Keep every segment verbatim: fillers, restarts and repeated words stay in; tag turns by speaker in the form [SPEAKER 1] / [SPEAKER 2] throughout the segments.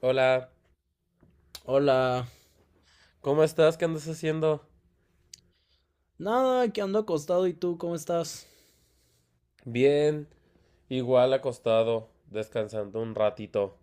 [SPEAKER 1] Hola,
[SPEAKER 2] Hola.
[SPEAKER 1] ¿cómo estás? ¿Qué andas haciendo?
[SPEAKER 2] Nada, que ando acostado y tú, ¿cómo estás?
[SPEAKER 1] Bien, igual acostado, descansando un ratito.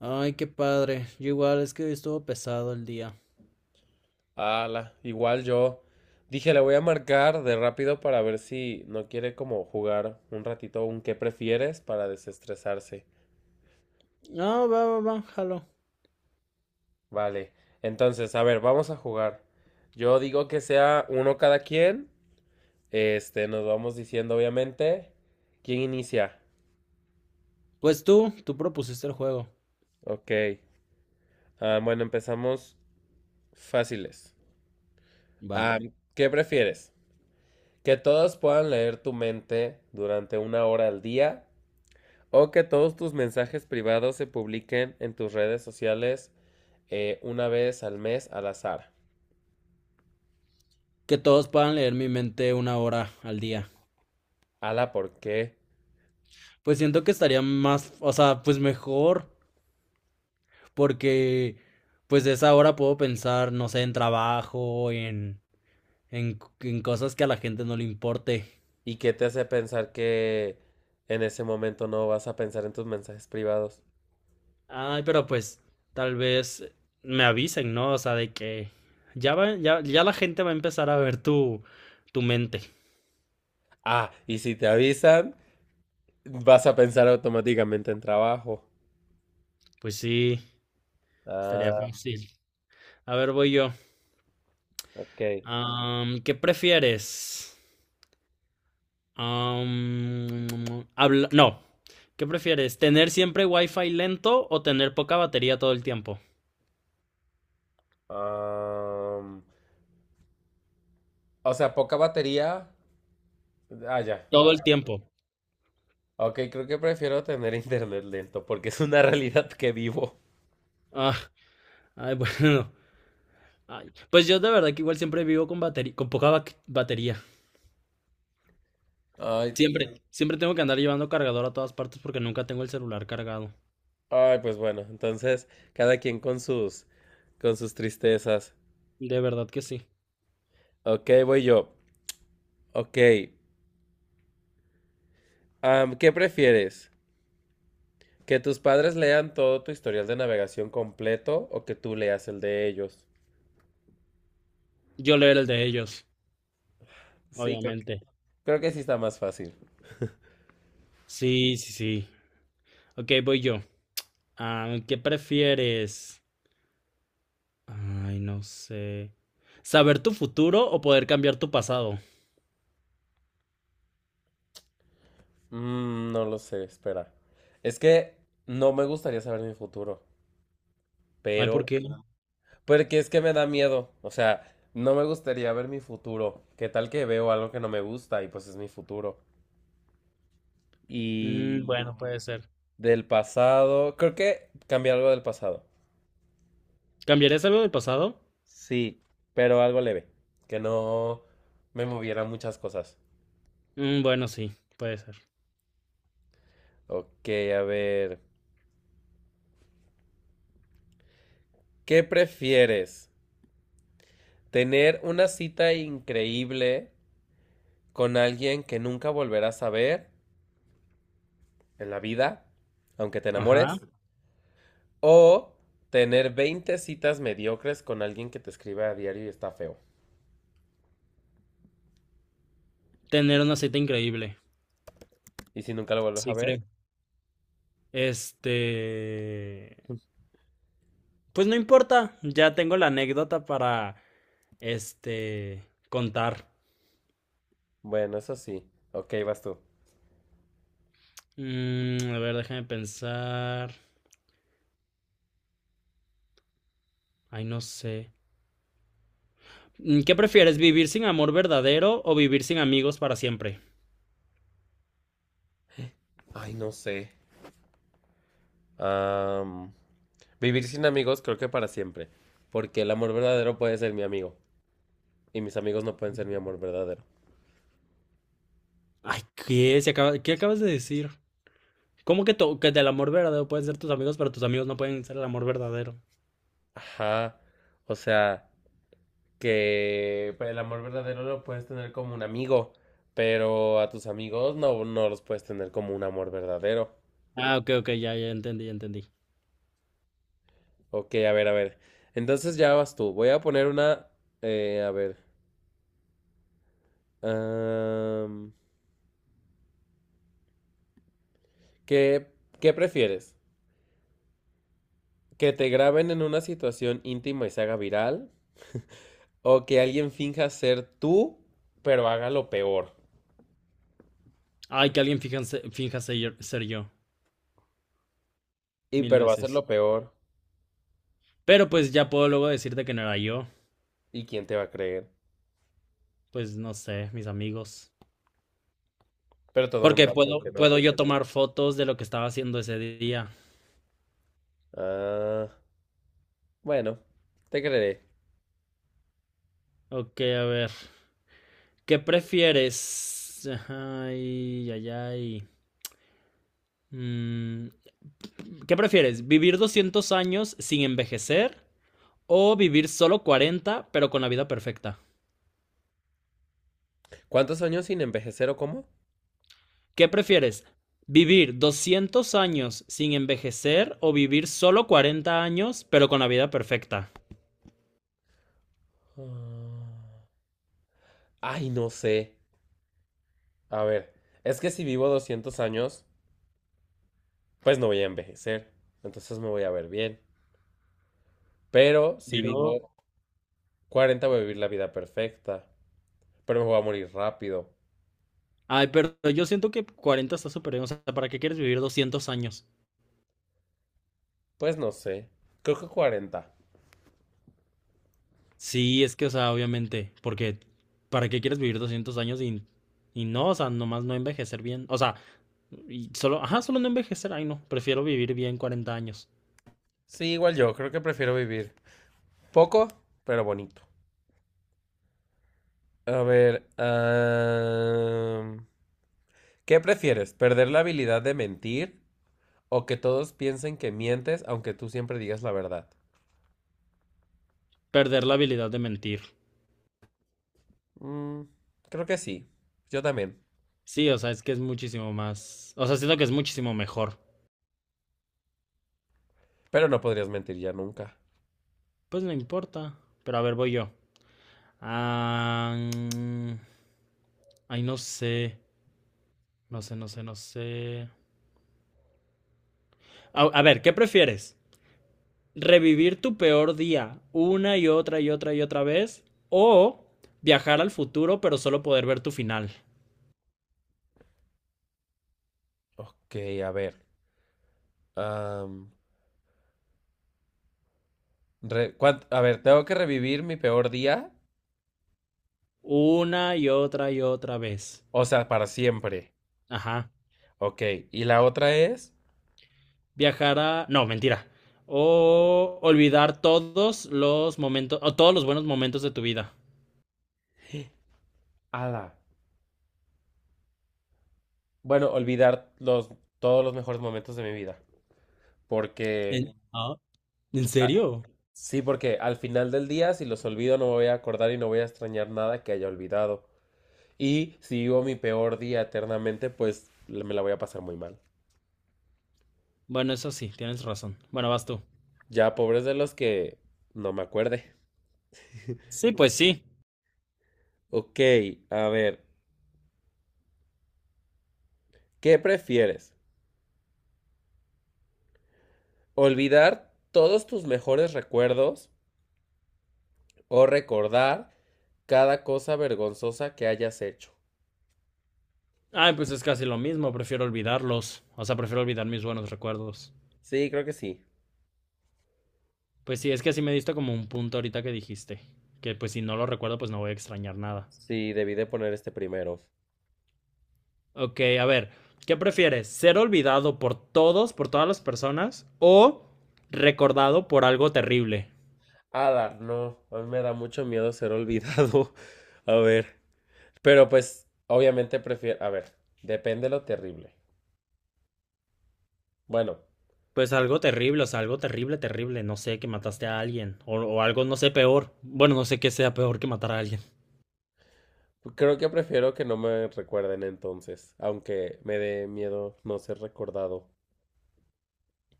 [SPEAKER 2] Ay, qué padre. Yo igual, es que hoy estuvo pesado el día.
[SPEAKER 1] Ala, igual yo. Dije, le voy a marcar de rápido para ver si no quiere como jugar un ratito un qué prefieres para desestresarse.
[SPEAKER 2] Ah, va, va, va, jalo.
[SPEAKER 1] Vale, entonces, a ver, vamos a jugar. Yo digo que sea uno cada quien. Este, nos vamos diciendo, obviamente. ¿Quién inicia?
[SPEAKER 2] Pues tú, tú propusiste el juego.
[SPEAKER 1] Ok. Ah, bueno, empezamos fáciles.
[SPEAKER 2] Va.
[SPEAKER 1] Ah, ¿qué prefieres? Que todos puedan leer tu mente durante una hora al día o que todos tus mensajes privados se publiquen en tus redes sociales eh, una vez al mes al azar.
[SPEAKER 2] Que todos puedan leer mi mente una hora al día.
[SPEAKER 1] Ala, ¿por qué?
[SPEAKER 2] Pues siento que estaría más, o sea, pues mejor, porque pues de esa hora puedo pensar, no sé, en trabajo, en, en, en cosas que a la gente no le importe.
[SPEAKER 1] ¿Y qué te hace pensar que en ese momento no vas a pensar en tus mensajes privados?
[SPEAKER 2] Ay, pero pues tal vez me avisen, ¿no? O sea, de que ya va, ya, ya la gente va a empezar a ver tu, tu mente.
[SPEAKER 1] Ah, y si te avisan, vas a pensar automáticamente en trabajo.
[SPEAKER 2] Pues sí, estaría
[SPEAKER 1] Ah,
[SPEAKER 2] fácil. A ver, voy yo.
[SPEAKER 1] ok.
[SPEAKER 2] Am, ¿qué prefieres? Am, habla- no. ¿Qué prefieres? ¿Tener siempre wifi lento o tener poca batería todo el tiempo?
[SPEAKER 1] Am, o sea, poca batería. Ah, ya.
[SPEAKER 2] Todo
[SPEAKER 1] Ah.
[SPEAKER 2] el tiempo.
[SPEAKER 1] Ok, creo que prefiero tener internet lento porque es una realidad que vivo.
[SPEAKER 2] Ah, ay, bueno. Ay, pues yo de verdad que igual siempre vivo con batería, con poca ba- batería.
[SPEAKER 1] Ay,
[SPEAKER 2] Siempre, siempre tengo que andar llevando cargador a todas partes porque nunca tengo el celular cargado.
[SPEAKER 1] ay, pues bueno, entonces cada quien con sus con sus tristezas.
[SPEAKER 2] De verdad que sí.
[SPEAKER 1] Ok, voy yo. Ok, am, ¿qué prefieres? ¿Que tus padres lean todo tu historial de navegación completo o que tú leas el de ellos?
[SPEAKER 2] Yo leer el de ellos,
[SPEAKER 1] Sí, creo que,
[SPEAKER 2] obviamente.
[SPEAKER 1] creo que sí está más fácil.
[SPEAKER 2] Sí, sí, sí. Ok, voy yo. Ah, ¿qué prefieres? Ay, no sé. ¿Saber tu futuro o poder cambiar tu pasado?
[SPEAKER 1] Mm, no lo sé, espera. Es que no me gustaría saber mi futuro,
[SPEAKER 2] Ay, ¿por
[SPEAKER 1] pero
[SPEAKER 2] qué?
[SPEAKER 1] porque es que me da miedo. O sea, no me gustaría ver mi futuro. ¿Qué tal que veo algo que no me gusta? Y pues es mi futuro.
[SPEAKER 2] Mm,
[SPEAKER 1] Y
[SPEAKER 2] bueno, puede ser.
[SPEAKER 1] del pasado, creo que cambié algo del pasado.
[SPEAKER 2] ¿Cambiarías algo del pasado?
[SPEAKER 1] Sí, pero algo leve, que no me moviera muchas cosas.
[SPEAKER 2] Mm, bueno, sí, puede ser.
[SPEAKER 1] Ok, a ver. ¿Qué prefieres? ¿Tener una cita increíble con alguien que nunca volverás a ver en la vida, aunque te
[SPEAKER 2] Ajá.
[SPEAKER 1] enamores? O tener veinte citas mediocres con alguien que te escribe a diario y está feo.
[SPEAKER 2] Tener una cita increíble.
[SPEAKER 1] Y si nunca lo vuelves a
[SPEAKER 2] Sí,
[SPEAKER 1] ver,
[SPEAKER 2] creo. Este. Pues no importa, ya tengo la anécdota para, este, contar.
[SPEAKER 1] bueno, eso sí. Ok, vas tú.
[SPEAKER 2] Mm, a ver, déjame pensar. Ay, no sé. Mm, ¿qué prefieres, vivir sin amor verdadero o vivir sin amigos para siempre?
[SPEAKER 1] Ay, no sé. Am, Vivir sin amigos creo que para siempre. Porque el amor verdadero puede ser mi amigo. Y mis amigos no pueden ser mi amor verdadero.
[SPEAKER 2] Ay, ¿qué? Se acaba- ¿Qué acabas de decir? ¿Cómo que, to- que del amor verdadero pueden ser tus amigos, pero tus amigos no pueden ser el amor verdadero?
[SPEAKER 1] Ajá. O sea, que pues, el amor verdadero lo puedes tener como un amigo. Pero a tus amigos no, no los puedes tener como un amor verdadero.
[SPEAKER 2] Ah, ok, ok, ya, ya entendí, ya entendí.
[SPEAKER 1] Ok, a ver, a ver. Entonces ya vas tú. Voy a poner una... eh, a ver. am, ¿qué, qué prefieres? ¿Que te graben en una situación íntima y se haga viral? ¿O que alguien finja ser tú, pero haga lo peor?
[SPEAKER 2] Ay, que alguien finja, se- finja ser, ser yo,
[SPEAKER 1] Y
[SPEAKER 2] mil
[SPEAKER 1] pero va a ser
[SPEAKER 2] veces.
[SPEAKER 1] lo peor.
[SPEAKER 2] Pero pues ya puedo luego decirte que no era yo.
[SPEAKER 1] ¿Y quién te va a creer?
[SPEAKER 2] Pues no sé, mis amigos.
[SPEAKER 1] Pero todo el mundo
[SPEAKER 2] Porque
[SPEAKER 1] va a creer
[SPEAKER 2] puedo,
[SPEAKER 1] que no.
[SPEAKER 2] puedo yo tomar fotos de lo que estaba haciendo ese día.
[SPEAKER 1] Ah, bueno, te creeré.
[SPEAKER 2] Ok, a ver. ¿Qué prefieres? Ay, ay, ay. Mm, ¿qué prefieres? ¿Vivir doscientos años sin envejecer o vivir solo cuarenta pero con la vida perfecta?
[SPEAKER 1] ¿Cuántos años sin envejecer o cómo?
[SPEAKER 2] ¿Qué prefieres? ¿Vivir doscientos años sin envejecer o vivir solo cuarenta años pero con la vida perfecta?
[SPEAKER 1] Ah, ay, no sé. A ver, es que si vivo doscientos años... pues no voy a envejecer, entonces me voy a ver bien. Pero si
[SPEAKER 2] Pero.
[SPEAKER 1] vivo cuarenta voy a vivir la vida perfecta, pero me voy a morir rápido.
[SPEAKER 2] Ay, pero yo siento que cuarenta está súper bien. O sea, ¿para qué quieres vivir doscientos años?
[SPEAKER 1] Pues no sé, creo que cuarenta.
[SPEAKER 2] Sí, es que, o sea, obviamente, porque ¿para qué quieres vivir doscientos años y, y no, o sea, nomás no envejecer bien? O sea, y solo, ajá, solo no envejecer, ay no, prefiero vivir bien cuarenta años,
[SPEAKER 1] Sí, igual yo, creo que prefiero vivir poco, pero bonito. A ver, am, ¿qué prefieres? ¿Perder la habilidad de mentir o que todos piensen que mientes aunque tú siempre digas la verdad?
[SPEAKER 2] perder la habilidad de mentir.
[SPEAKER 1] Mm, Creo que sí, yo también,
[SPEAKER 2] Sí, o sea, es que es muchísimo más, o sea, siento que es muchísimo mejor.
[SPEAKER 1] pero no podrías mentir ya nunca.
[SPEAKER 2] Pues no importa, pero a ver, voy yo. Ah, mm, ay, no sé, no sé, no sé, no sé. A, a ver, ¿qué prefieres? Revivir tu peor día una y otra y otra y otra vez o viajar al futuro pero solo poder ver tu final
[SPEAKER 1] Ok, a ver. am, Re- cuan- a ver, tengo que revivir mi peor día.
[SPEAKER 2] una y otra y otra vez.
[SPEAKER 1] O sea, para siempre.
[SPEAKER 2] Ajá.
[SPEAKER 1] Ok. Y la otra es.
[SPEAKER 2] Viajar a. No, mentira. O olvidar todos los momentos o todos los buenos momentos de tu vida.
[SPEAKER 1] Ala. Bueno, olvidar los, todos los mejores momentos de mi vida.
[SPEAKER 2] ¿En,
[SPEAKER 1] Porque
[SPEAKER 2] ah, ¿en
[SPEAKER 1] ah,
[SPEAKER 2] serio?
[SPEAKER 1] sí, porque al final del día, si los olvido, no me voy a acordar y no voy a extrañar nada que haya olvidado. Y si vivo mi peor día eternamente, pues l- me la voy a pasar muy mal.
[SPEAKER 2] Bueno, eso sí, tienes razón. Bueno, vas tú.
[SPEAKER 1] Ya, pobres de los que no me acuerde.
[SPEAKER 2] Sí, pues sí.
[SPEAKER 1] Ok, a ver. ¿Qué prefieres? ¿Olvidar todos tus mejores recuerdos o recordar cada cosa vergonzosa que hayas hecho?
[SPEAKER 2] Ay, pues es casi lo mismo, prefiero olvidarlos. O sea, prefiero olvidar mis buenos recuerdos.
[SPEAKER 1] Sí, creo que sí.
[SPEAKER 2] Pues sí, es que así me diste como un punto ahorita que dijiste. Que pues si no lo recuerdo, pues no voy a extrañar nada.
[SPEAKER 1] Sí, debí de poner este primero.
[SPEAKER 2] Ok, a ver, ¿qué prefieres? ¿Ser olvidado por todos, por todas las personas? ¿O recordado por algo terrible?
[SPEAKER 1] Ada, no, a mí me da mucho miedo ser olvidado. A ver, pero pues obviamente prefiero, a ver, depende lo terrible. Bueno,
[SPEAKER 2] Pues algo terrible, o sea, algo terrible, terrible. No sé, que mataste a alguien. O, o algo, no sé, peor. Bueno, no sé qué sea peor que matar a alguien.
[SPEAKER 1] creo que prefiero que no me recuerden entonces, aunque me dé miedo no ser recordado.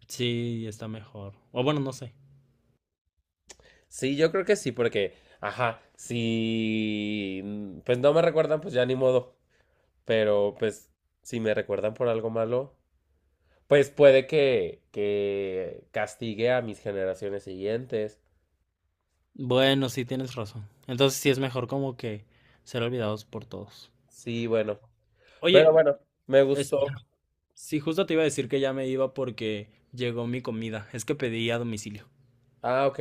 [SPEAKER 2] Sí, está mejor. O bueno, no sé.
[SPEAKER 1] Sí, yo creo que sí, porque, ajá, si pues no me recuerdan, pues ya ni modo. Pero pues si me recuerdan por algo malo, pues puede que, que castigue a mis generaciones siguientes.
[SPEAKER 2] Bueno, sí, tienes razón. Entonces sí es mejor como que ser olvidados por todos.
[SPEAKER 1] Sí, bueno.
[SPEAKER 2] Oye,
[SPEAKER 1] Pero bueno, me
[SPEAKER 2] es-
[SPEAKER 1] gustó.
[SPEAKER 2] Sí, justo te iba a decir que ya me iba porque llegó mi comida. Es que pedí a domicilio.
[SPEAKER 1] Ah, ok.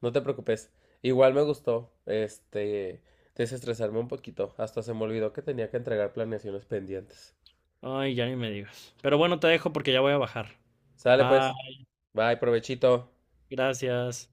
[SPEAKER 1] No te preocupes. Igual me gustó, este, desestresarme un poquito. Hasta se me olvidó que tenía que entregar planeaciones pendientes.
[SPEAKER 2] Ay, ya ni me digas. Pero bueno, te dejo porque ya voy a bajar.
[SPEAKER 1] Sale
[SPEAKER 2] Bye,
[SPEAKER 1] pues. Bye, provechito.
[SPEAKER 2] gracias.